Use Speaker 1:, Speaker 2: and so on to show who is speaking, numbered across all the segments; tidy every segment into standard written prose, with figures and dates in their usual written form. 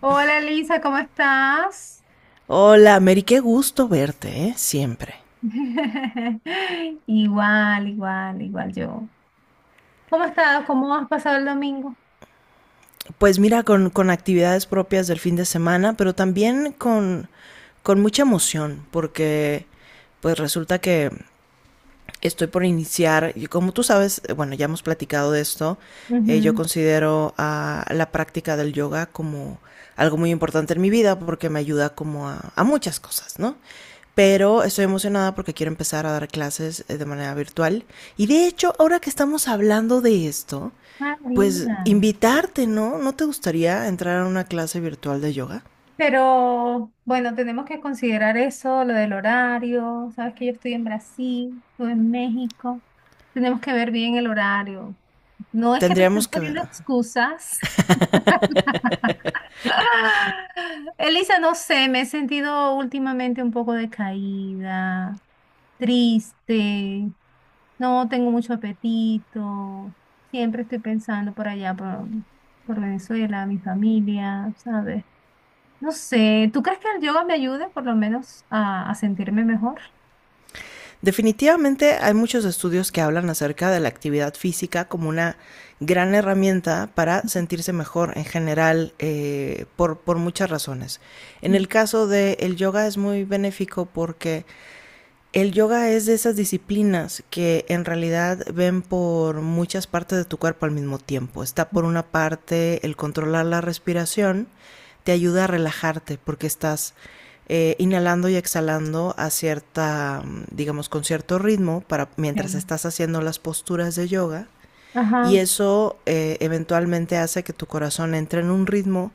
Speaker 1: Hola Elisa, ¿cómo estás?
Speaker 2: Hola, Mary, qué gusto verte, ¿eh? Siempre.
Speaker 1: Igual, igual, igual yo. ¿Cómo has estado? ¿Cómo has pasado el domingo?
Speaker 2: Pues mira, con actividades propias del fin de semana, pero también con mucha emoción, porque pues resulta que estoy por iniciar, y como tú sabes, bueno, ya hemos platicado de esto, yo
Speaker 1: Ujú.
Speaker 2: considero a la práctica del yoga como algo muy importante en mi vida porque me ayuda como a muchas cosas, ¿no? Pero estoy emocionada porque quiero empezar a dar clases, de manera virtual. Y de hecho, ahora que estamos hablando de esto,
Speaker 1: Ah,
Speaker 2: pues
Speaker 1: mira.
Speaker 2: invitarte, ¿no? ¿No te gustaría entrar a una clase virtual de yoga?
Speaker 1: Pero bueno, tenemos que considerar eso, lo del horario. Sabes que yo estoy en Brasil, tú en México. Tenemos que ver bien el horario. No es que te estoy
Speaker 2: Tendríamos que ver.
Speaker 1: poniendo excusas. Ah, Elisa, no sé, me he sentido últimamente un poco decaída, triste, no tengo mucho apetito, siempre estoy pensando por allá, por Venezuela, mi familia, ¿sabes? No sé, ¿tú crees que el yoga me ayude por lo menos a sentirme mejor?
Speaker 2: Definitivamente hay muchos estudios que hablan acerca de la actividad física como una gran herramienta para sentirse mejor en general, por muchas razones. En el caso del yoga es muy benéfico porque el yoga es de esas disciplinas que en realidad ven por muchas partes de tu cuerpo al mismo tiempo. Está, por una parte, el controlar la respiración, te ayuda a relajarte porque estás, inhalando y exhalando a cierta, digamos, con cierto ritmo para mientras
Speaker 1: Ok.
Speaker 2: estás haciendo las posturas de yoga, y
Speaker 1: Ajá,
Speaker 2: eso eventualmente hace que tu corazón entre en un ritmo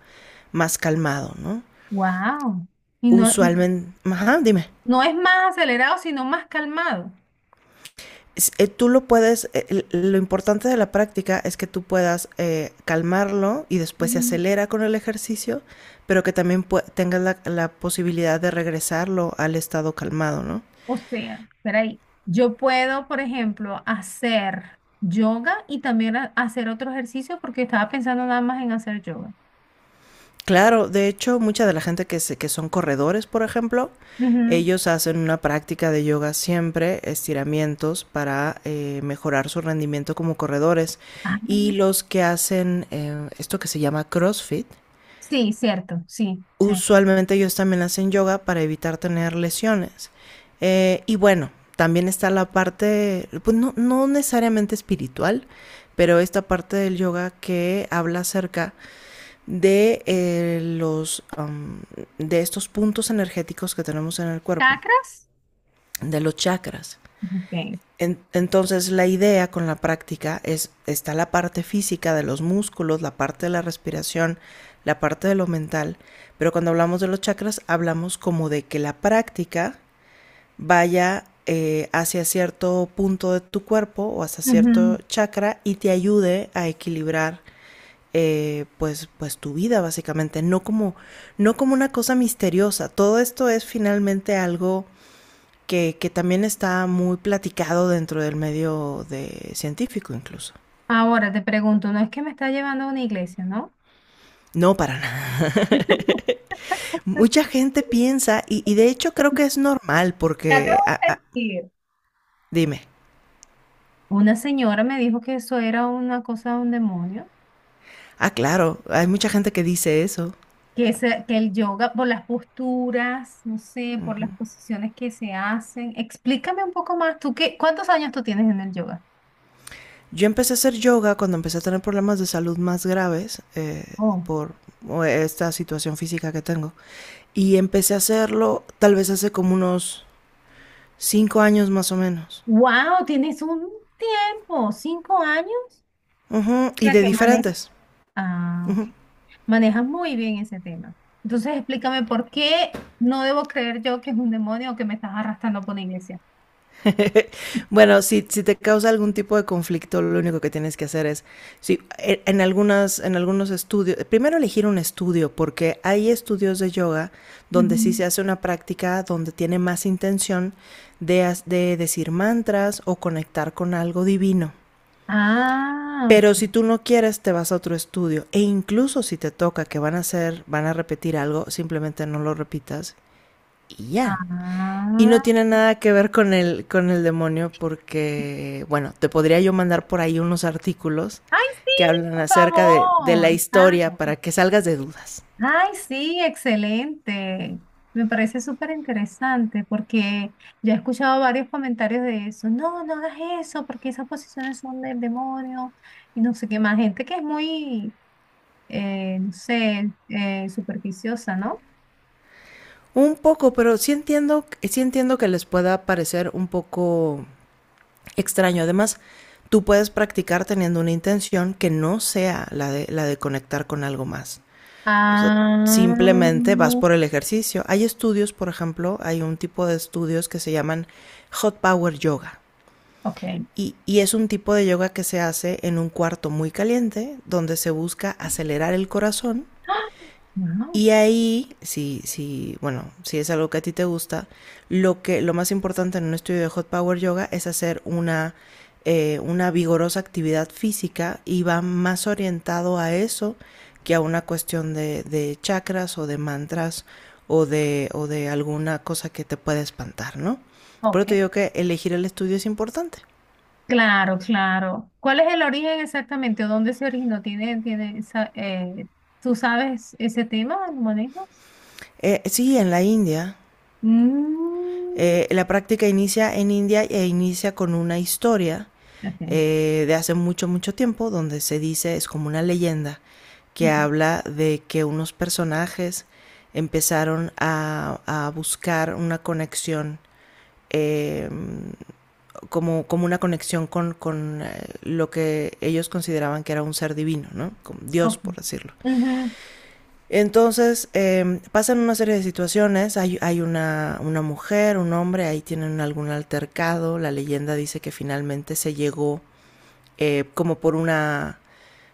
Speaker 2: más calmado, ¿no?
Speaker 1: wow. Y no,
Speaker 2: Usualmente, ajá, dime.
Speaker 1: no es más acelerado, sino más calmado.
Speaker 2: Lo importante de la práctica es que tú puedas, calmarlo, y después se acelera con el ejercicio, pero que también tengas la posibilidad de regresarlo al estado calmado, ¿no?
Speaker 1: O sea, espera ahí. Yo puedo, por ejemplo, hacer yoga y también hacer otro ejercicio porque estaba pensando nada más en hacer yoga.
Speaker 2: Claro, de hecho, mucha de la gente que son corredores, por ejemplo,
Speaker 1: Ujú.
Speaker 2: ellos hacen una práctica de yoga siempre, estiramientos para mejorar su rendimiento como corredores.
Speaker 1: Ah,
Speaker 2: Y los que hacen, esto que se llama CrossFit,
Speaker 1: sí, cierto, sí, sí.
Speaker 2: usualmente ellos también hacen yoga para evitar tener lesiones. Y bueno, también está la parte, pues, no, no necesariamente espiritual, pero esta parte del yoga que habla acerca de eh, los um, de estos puntos energéticos que tenemos en el cuerpo,
Speaker 1: ¿Chakras?
Speaker 2: de los chakras.
Speaker 1: Ok.
Speaker 2: Entonces, la idea con la práctica es, está la parte física de los músculos, la parte de la respiración, la parte de lo mental, pero cuando hablamos de los chakras hablamos como de que la práctica vaya, hacia cierto punto de tu cuerpo o hacia cierto
Speaker 1: Ujú.
Speaker 2: chakra, y te ayude a equilibrar, pues tu vida básicamente. No como una cosa misteriosa; todo esto es finalmente algo que también está muy platicado dentro del medio de científico, incluso.
Speaker 1: Ahora te pregunto, no es que me está llevando a una iglesia, ¿no?
Speaker 2: No, para nada. Mucha gente piensa, y de hecho creo que es normal,
Speaker 1: Ya te voy a decir.
Speaker 2: dime.
Speaker 1: Una señora me dijo que eso era una cosa de un demonio,
Speaker 2: Ah, claro, hay mucha gente que dice eso.
Speaker 1: que el yoga, por las posturas, no sé, por
Speaker 2: Ujú.
Speaker 1: las posiciones que se hacen. Explícame un poco más, ¿tú qué, cuántos años tú tienes en el yoga?
Speaker 2: Yo empecé a hacer yoga cuando empecé a tener problemas de salud más graves,
Speaker 1: Oh,
Speaker 2: por esta situación física que tengo. Y empecé a hacerlo tal vez hace como unos 5 años, más o menos.
Speaker 1: wow, tienes un tiempo, 5 años,
Speaker 2: Ujú. Y
Speaker 1: para
Speaker 2: de
Speaker 1: que manejas.
Speaker 2: diferentes.
Speaker 1: Ah, ok.
Speaker 2: Ujú.
Speaker 1: Manejas muy bien ese tema. Entonces, explícame por qué no debo creer yo que es un demonio o que me estás arrastrando por una iglesia.
Speaker 2: Bueno, si, si te causa algún tipo de conflicto, lo único que tienes que hacer es, si, e- en, algunas, en algunos estudios, primero elegir un estudio, porque hay estudios de yoga donde sí
Speaker 1: Ujú.
Speaker 2: se hace una práctica donde tiene más intención de decir mantras o conectar con algo divino.
Speaker 1: Ah, ok.
Speaker 2: Pero si tú no quieres, te vas a otro estudio. E incluso si te toca que van a hacer, van a repetir algo, simplemente no lo repitas y ya. Y no
Speaker 1: Ah.
Speaker 2: tiene nada que ver con el demonio porque, bueno, te podría yo mandar por ahí unos artículos
Speaker 1: Ay, sí,
Speaker 2: que hablan
Speaker 1: por
Speaker 2: acerca de la
Speaker 1: favor.
Speaker 2: historia para que salgas de dudas.
Speaker 1: Ay, sí, excelente. Me parece súper interesante porque ya he escuchado varios comentarios de eso. No, no hagas eso porque esas posiciones son del demonio y no sé qué más. Gente que es muy, no sé, superficiosa, ¿no?
Speaker 2: Un poco, pero sí entiendo que les pueda parecer un poco extraño. Además, tú puedes practicar teniendo una intención que no sea la de conectar con algo más. O sea, simplemente
Speaker 1: Ah,
Speaker 2: vas por el ejercicio. Hay estudios, por ejemplo, hay un tipo de estudios que se llaman Hot Power Yoga.
Speaker 1: ok.
Speaker 2: Y, y, es un tipo de yoga que se hace en un cuarto muy caliente, donde se busca acelerar el corazón.
Speaker 1: ¡Ah! Wow,
Speaker 2: Y ahí, si, si, bueno, si es algo que a ti te gusta, lo que, lo más importante en un estudio de Hot Power Yoga es hacer una vigorosa actividad física, y va más orientado a eso que a una cuestión de chakras o de mantras, o de alguna cosa que te pueda espantar, ¿no? Por
Speaker 1: ok.
Speaker 2: eso te digo que elegir el estudio es importante.
Speaker 1: Claro, claro. ¿Cuál es el origen exactamente? ¿O dónde se originó? ¿Tiene esa? ¿Tú sabes ese tema? ¿Lo manejas?
Speaker 2: Sí, en la India.
Speaker 1: Mm,
Speaker 2: La práctica inicia en India e inicia con una historia,
Speaker 1: okay,
Speaker 2: de hace mucho, mucho tiempo, donde se dice, es como una leyenda, que
Speaker 1: okay,
Speaker 2: habla de que unos personajes empezaron a buscar una conexión, eh, como una conexión con lo que ellos consideraban que era un ser divino, ¿no? Con Dios,
Speaker 1: okay.
Speaker 2: por decirlo.
Speaker 1: Ujú,
Speaker 2: Entonces, pasan una serie de situaciones; hay una mujer, un hombre, ahí tienen algún altercado, la leyenda dice que finalmente se llegó, como por una,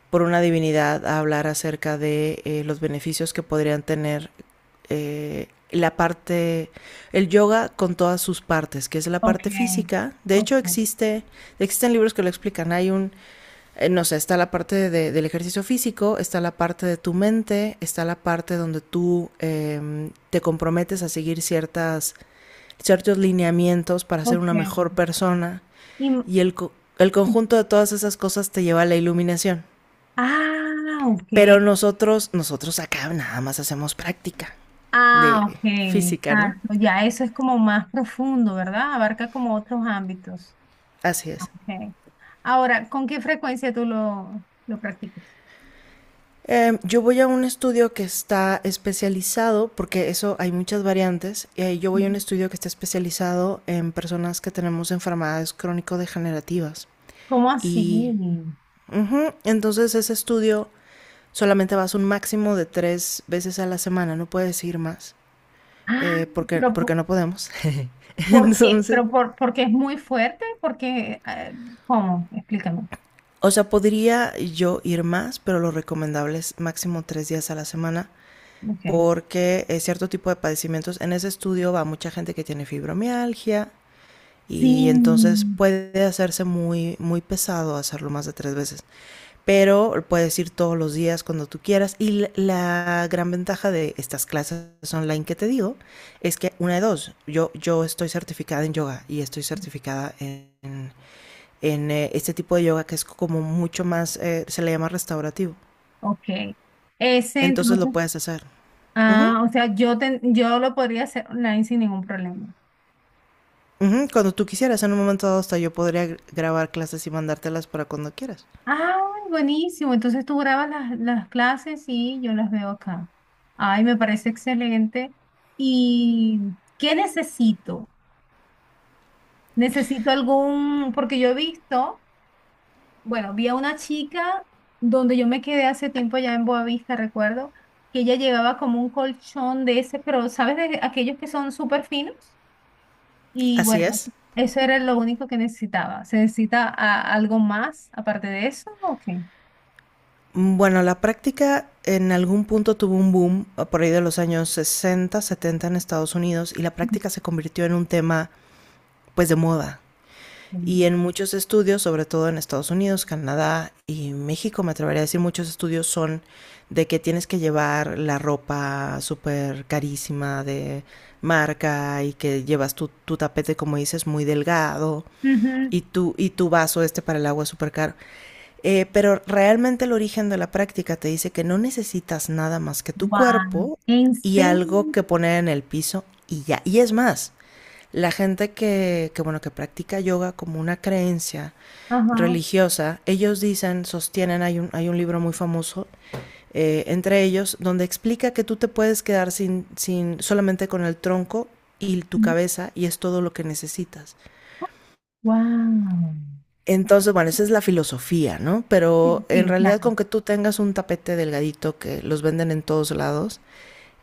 Speaker 2: por una divinidad, a hablar acerca de, los beneficios que podrían tener, eh, la parte, el yoga con todas sus partes, que es la parte
Speaker 1: okay,
Speaker 2: física. De
Speaker 1: okay,
Speaker 2: hecho, existen libros que lo explican. Hay un, no sé, está la parte del ejercicio físico, está la parte de tu mente, está la parte donde tú, te comprometes a seguir ciertos lineamientos para ser una
Speaker 1: okay.
Speaker 2: mejor persona,
Speaker 1: Y,
Speaker 2: y el conjunto de todas esas cosas te lleva a la iluminación.
Speaker 1: ah, okay.
Speaker 2: Pero nosotros acá nada más hacemos práctica de
Speaker 1: Ah, okay,
Speaker 2: física, ¿no?
Speaker 1: exacto. Ya eso es como más profundo, ¿verdad? Abarca como otros ámbitos.
Speaker 2: Así
Speaker 1: Ah,
Speaker 2: es.
Speaker 1: okay. Ahora, ¿con qué frecuencia tú lo practicas?
Speaker 2: Yo voy a un estudio que está especializado, porque eso hay muchas variantes, yo voy a un
Speaker 1: Ujú.
Speaker 2: estudio que está especializado en personas que tenemos enfermedades crónico-degenerativas.
Speaker 1: ¿Cómo así?
Speaker 2: Y ujú, entonces ese estudio solamente vas un máximo de 3 veces a la semana, no puedes ir más,
Speaker 1: Ah,
Speaker 2: eh, porque,
Speaker 1: pero
Speaker 2: porque no podemos.
Speaker 1: ¿por qué?
Speaker 2: Entonces,
Speaker 1: ¿Pero porque es muy fuerte? Porque, ¿cómo? Explícame.
Speaker 2: o sea, podría yo ir más, pero lo recomendable es máximo 3 días a la semana,
Speaker 1: Okay.
Speaker 2: porque es cierto tipo de padecimientos. En ese estudio va mucha gente que tiene fibromialgia,
Speaker 1: Sí.
Speaker 2: y entonces puede hacerse muy, muy pesado hacerlo más de 3 veces, pero puedes ir todos los días cuando tú quieras. Y la gran ventaja de estas clases online que te digo es que una de dos: yo, estoy certificada en yoga y estoy certificada en este tipo de yoga que es como mucho más, se le llama restaurativo,
Speaker 1: Ok. Ese
Speaker 2: entonces lo
Speaker 1: entonces,
Speaker 2: puedes hacer. Uh -huh.
Speaker 1: ah, o sea, yo lo podría hacer online sin ningún problema.
Speaker 2: Ujú. Cuando tú quisieras, en un momento dado hasta yo podría grabar clases y mandártelas para cuando quieras.
Speaker 1: Ay, buenísimo. Entonces tú grabas las clases y yo las veo acá. Ay, me parece excelente. ¿Y qué necesito? Necesito algún, porque yo he visto, bueno, vi a una chica donde yo me quedé hace tiempo ya en Boavista, recuerdo, que ella llevaba como un colchón de ese, pero ¿sabes de aquellos que son súper finos? Y
Speaker 2: Así
Speaker 1: bueno,
Speaker 2: es.
Speaker 1: eso era lo único que necesitaba. ¿Se necesita algo más aparte de eso? ¿O qué?
Speaker 2: Bueno, la práctica en algún punto tuvo un boom, por ahí de los años 60, 70 en Estados Unidos, y la práctica se convirtió en un tema pues de moda. Y
Speaker 1: Mm.
Speaker 2: en muchos estudios, sobre todo en Estados Unidos, Canadá y México, me atrevería a decir, muchos estudios son de que tienes que llevar la ropa súper carísima de marca, y que llevas tu tapete, como dices, muy delgado,
Speaker 1: Ujú.
Speaker 2: y tu vaso este para el agua súper caro. Pero realmente el origen de la práctica te dice que no necesitas nada más que tu
Speaker 1: Guau.
Speaker 2: cuerpo
Speaker 1: ¿En
Speaker 2: y
Speaker 1: serio?
Speaker 2: algo que poner en el piso y ya. Y es más, la gente bueno, que practica yoga como una creencia
Speaker 1: Ajá.
Speaker 2: religiosa, ellos dicen, sostienen, hay un libro muy famoso, entre ellos, donde explica que tú te puedes quedar sin, sin, solamente con el tronco y tu cabeza, y es todo lo que necesitas.
Speaker 1: Wow.
Speaker 2: Entonces, bueno, esa es la filosofía, ¿no?
Speaker 1: Sí,
Speaker 2: Pero en
Speaker 1: sí,
Speaker 2: realidad,
Speaker 1: claro.
Speaker 2: con que tú tengas un tapete delgadito, que los venden en todos lados,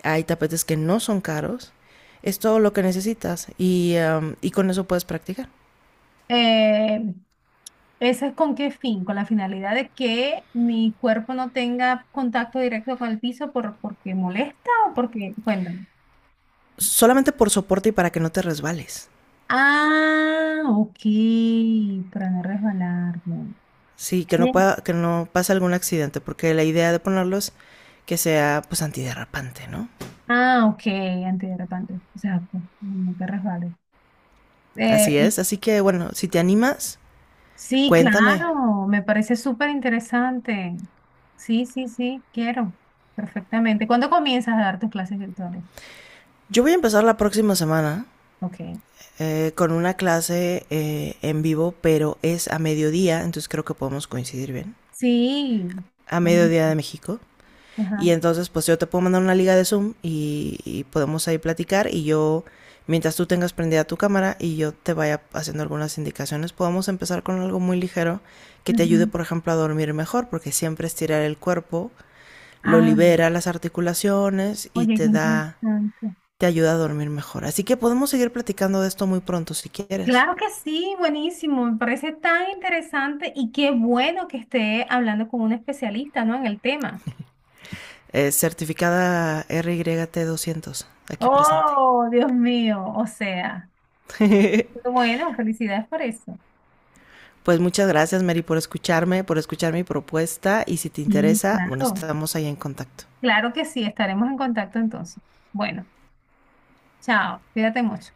Speaker 2: hay tapetes que no son caros, es todo lo que necesitas, y con eso puedes practicar.
Speaker 1: Eh, ¿Esa es con qué fin? Con la finalidad de que mi cuerpo no tenga contacto directo con el piso por, porque molesta o porque, cuéntame.
Speaker 2: Solamente por soporte y para que no te resbales.
Speaker 1: Ah, ok, para no resbalarme.
Speaker 2: Sí, que no pase algún accidente, porque la idea de ponerlos que sea pues antiderrapante, ¿no?
Speaker 1: Ah, ok, antiderrapante. Exacto, no te resbales. Eh,
Speaker 2: Así
Speaker 1: y-
Speaker 2: es, así que bueno, si te animas,
Speaker 1: sí,
Speaker 2: cuéntame.
Speaker 1: claro, me parece súper interesante. Sí, sí, sí, quiero. Perfectamente. ¿Cuándo comienzas a dar tus clases virtuales?
Speaker 2: Yo voy a empezar la próxima semana,
Speaker 1: Ok.
Speaker 2: con una clase, en vivo, pero es a mediodía, entonces creo que podemos coincidir bien.
Speaker 1: Sí.
Speaker 2: A
Speaker 1: Bueno,
Speaker 2: mediodía de México. Y
Speaker 1: ajá,
Speaker 2: entonces, pues yo te puedo mandar una liga de Zoom, y podemos ahí platicar, y yo, mientras tú tengas prendida tu cámara y yo te vaya haciendo algunas indicaciones, podemos empezar con algo muy ligero que te ayude,
Speaker 1: ujú.
Speaker 2: por ejemplo, a dormir mejor, porque siempre estirar el cuerpo lo
Speaker 1: Ah,
Speaker 2: libera las articulaciones, y
Speaker 1: oye, qué interesante.
Speaker 2: te ayuda a dormir mejor. Así que podemos seguir platicando de esto muy pronto si quieres.
Speaker 1: Claro que sí, buenísimo. Me parece tan interesante y qué bueno que esté hablando con un especialista, ¿no? En el tema.
Speaker 2: Certificada RYT 200, aquí presente.
Speaker 1: Oh, Dios mío, o sea. Pero bueno, felicidades por eso.
Speaker 2: Pues muchas gracias, Mary, por escucharme, por escuchar mi propuesta. Y si te
Speaker 1: Sí,
Speaker 2: interesa, bueno,
Speaker 1: claro.
Speaker 2: estamos ahí en contacto.
Speaker 1: Claro que sí, estaremos en contacto entonces. Bueno, chao, cuídate mucho.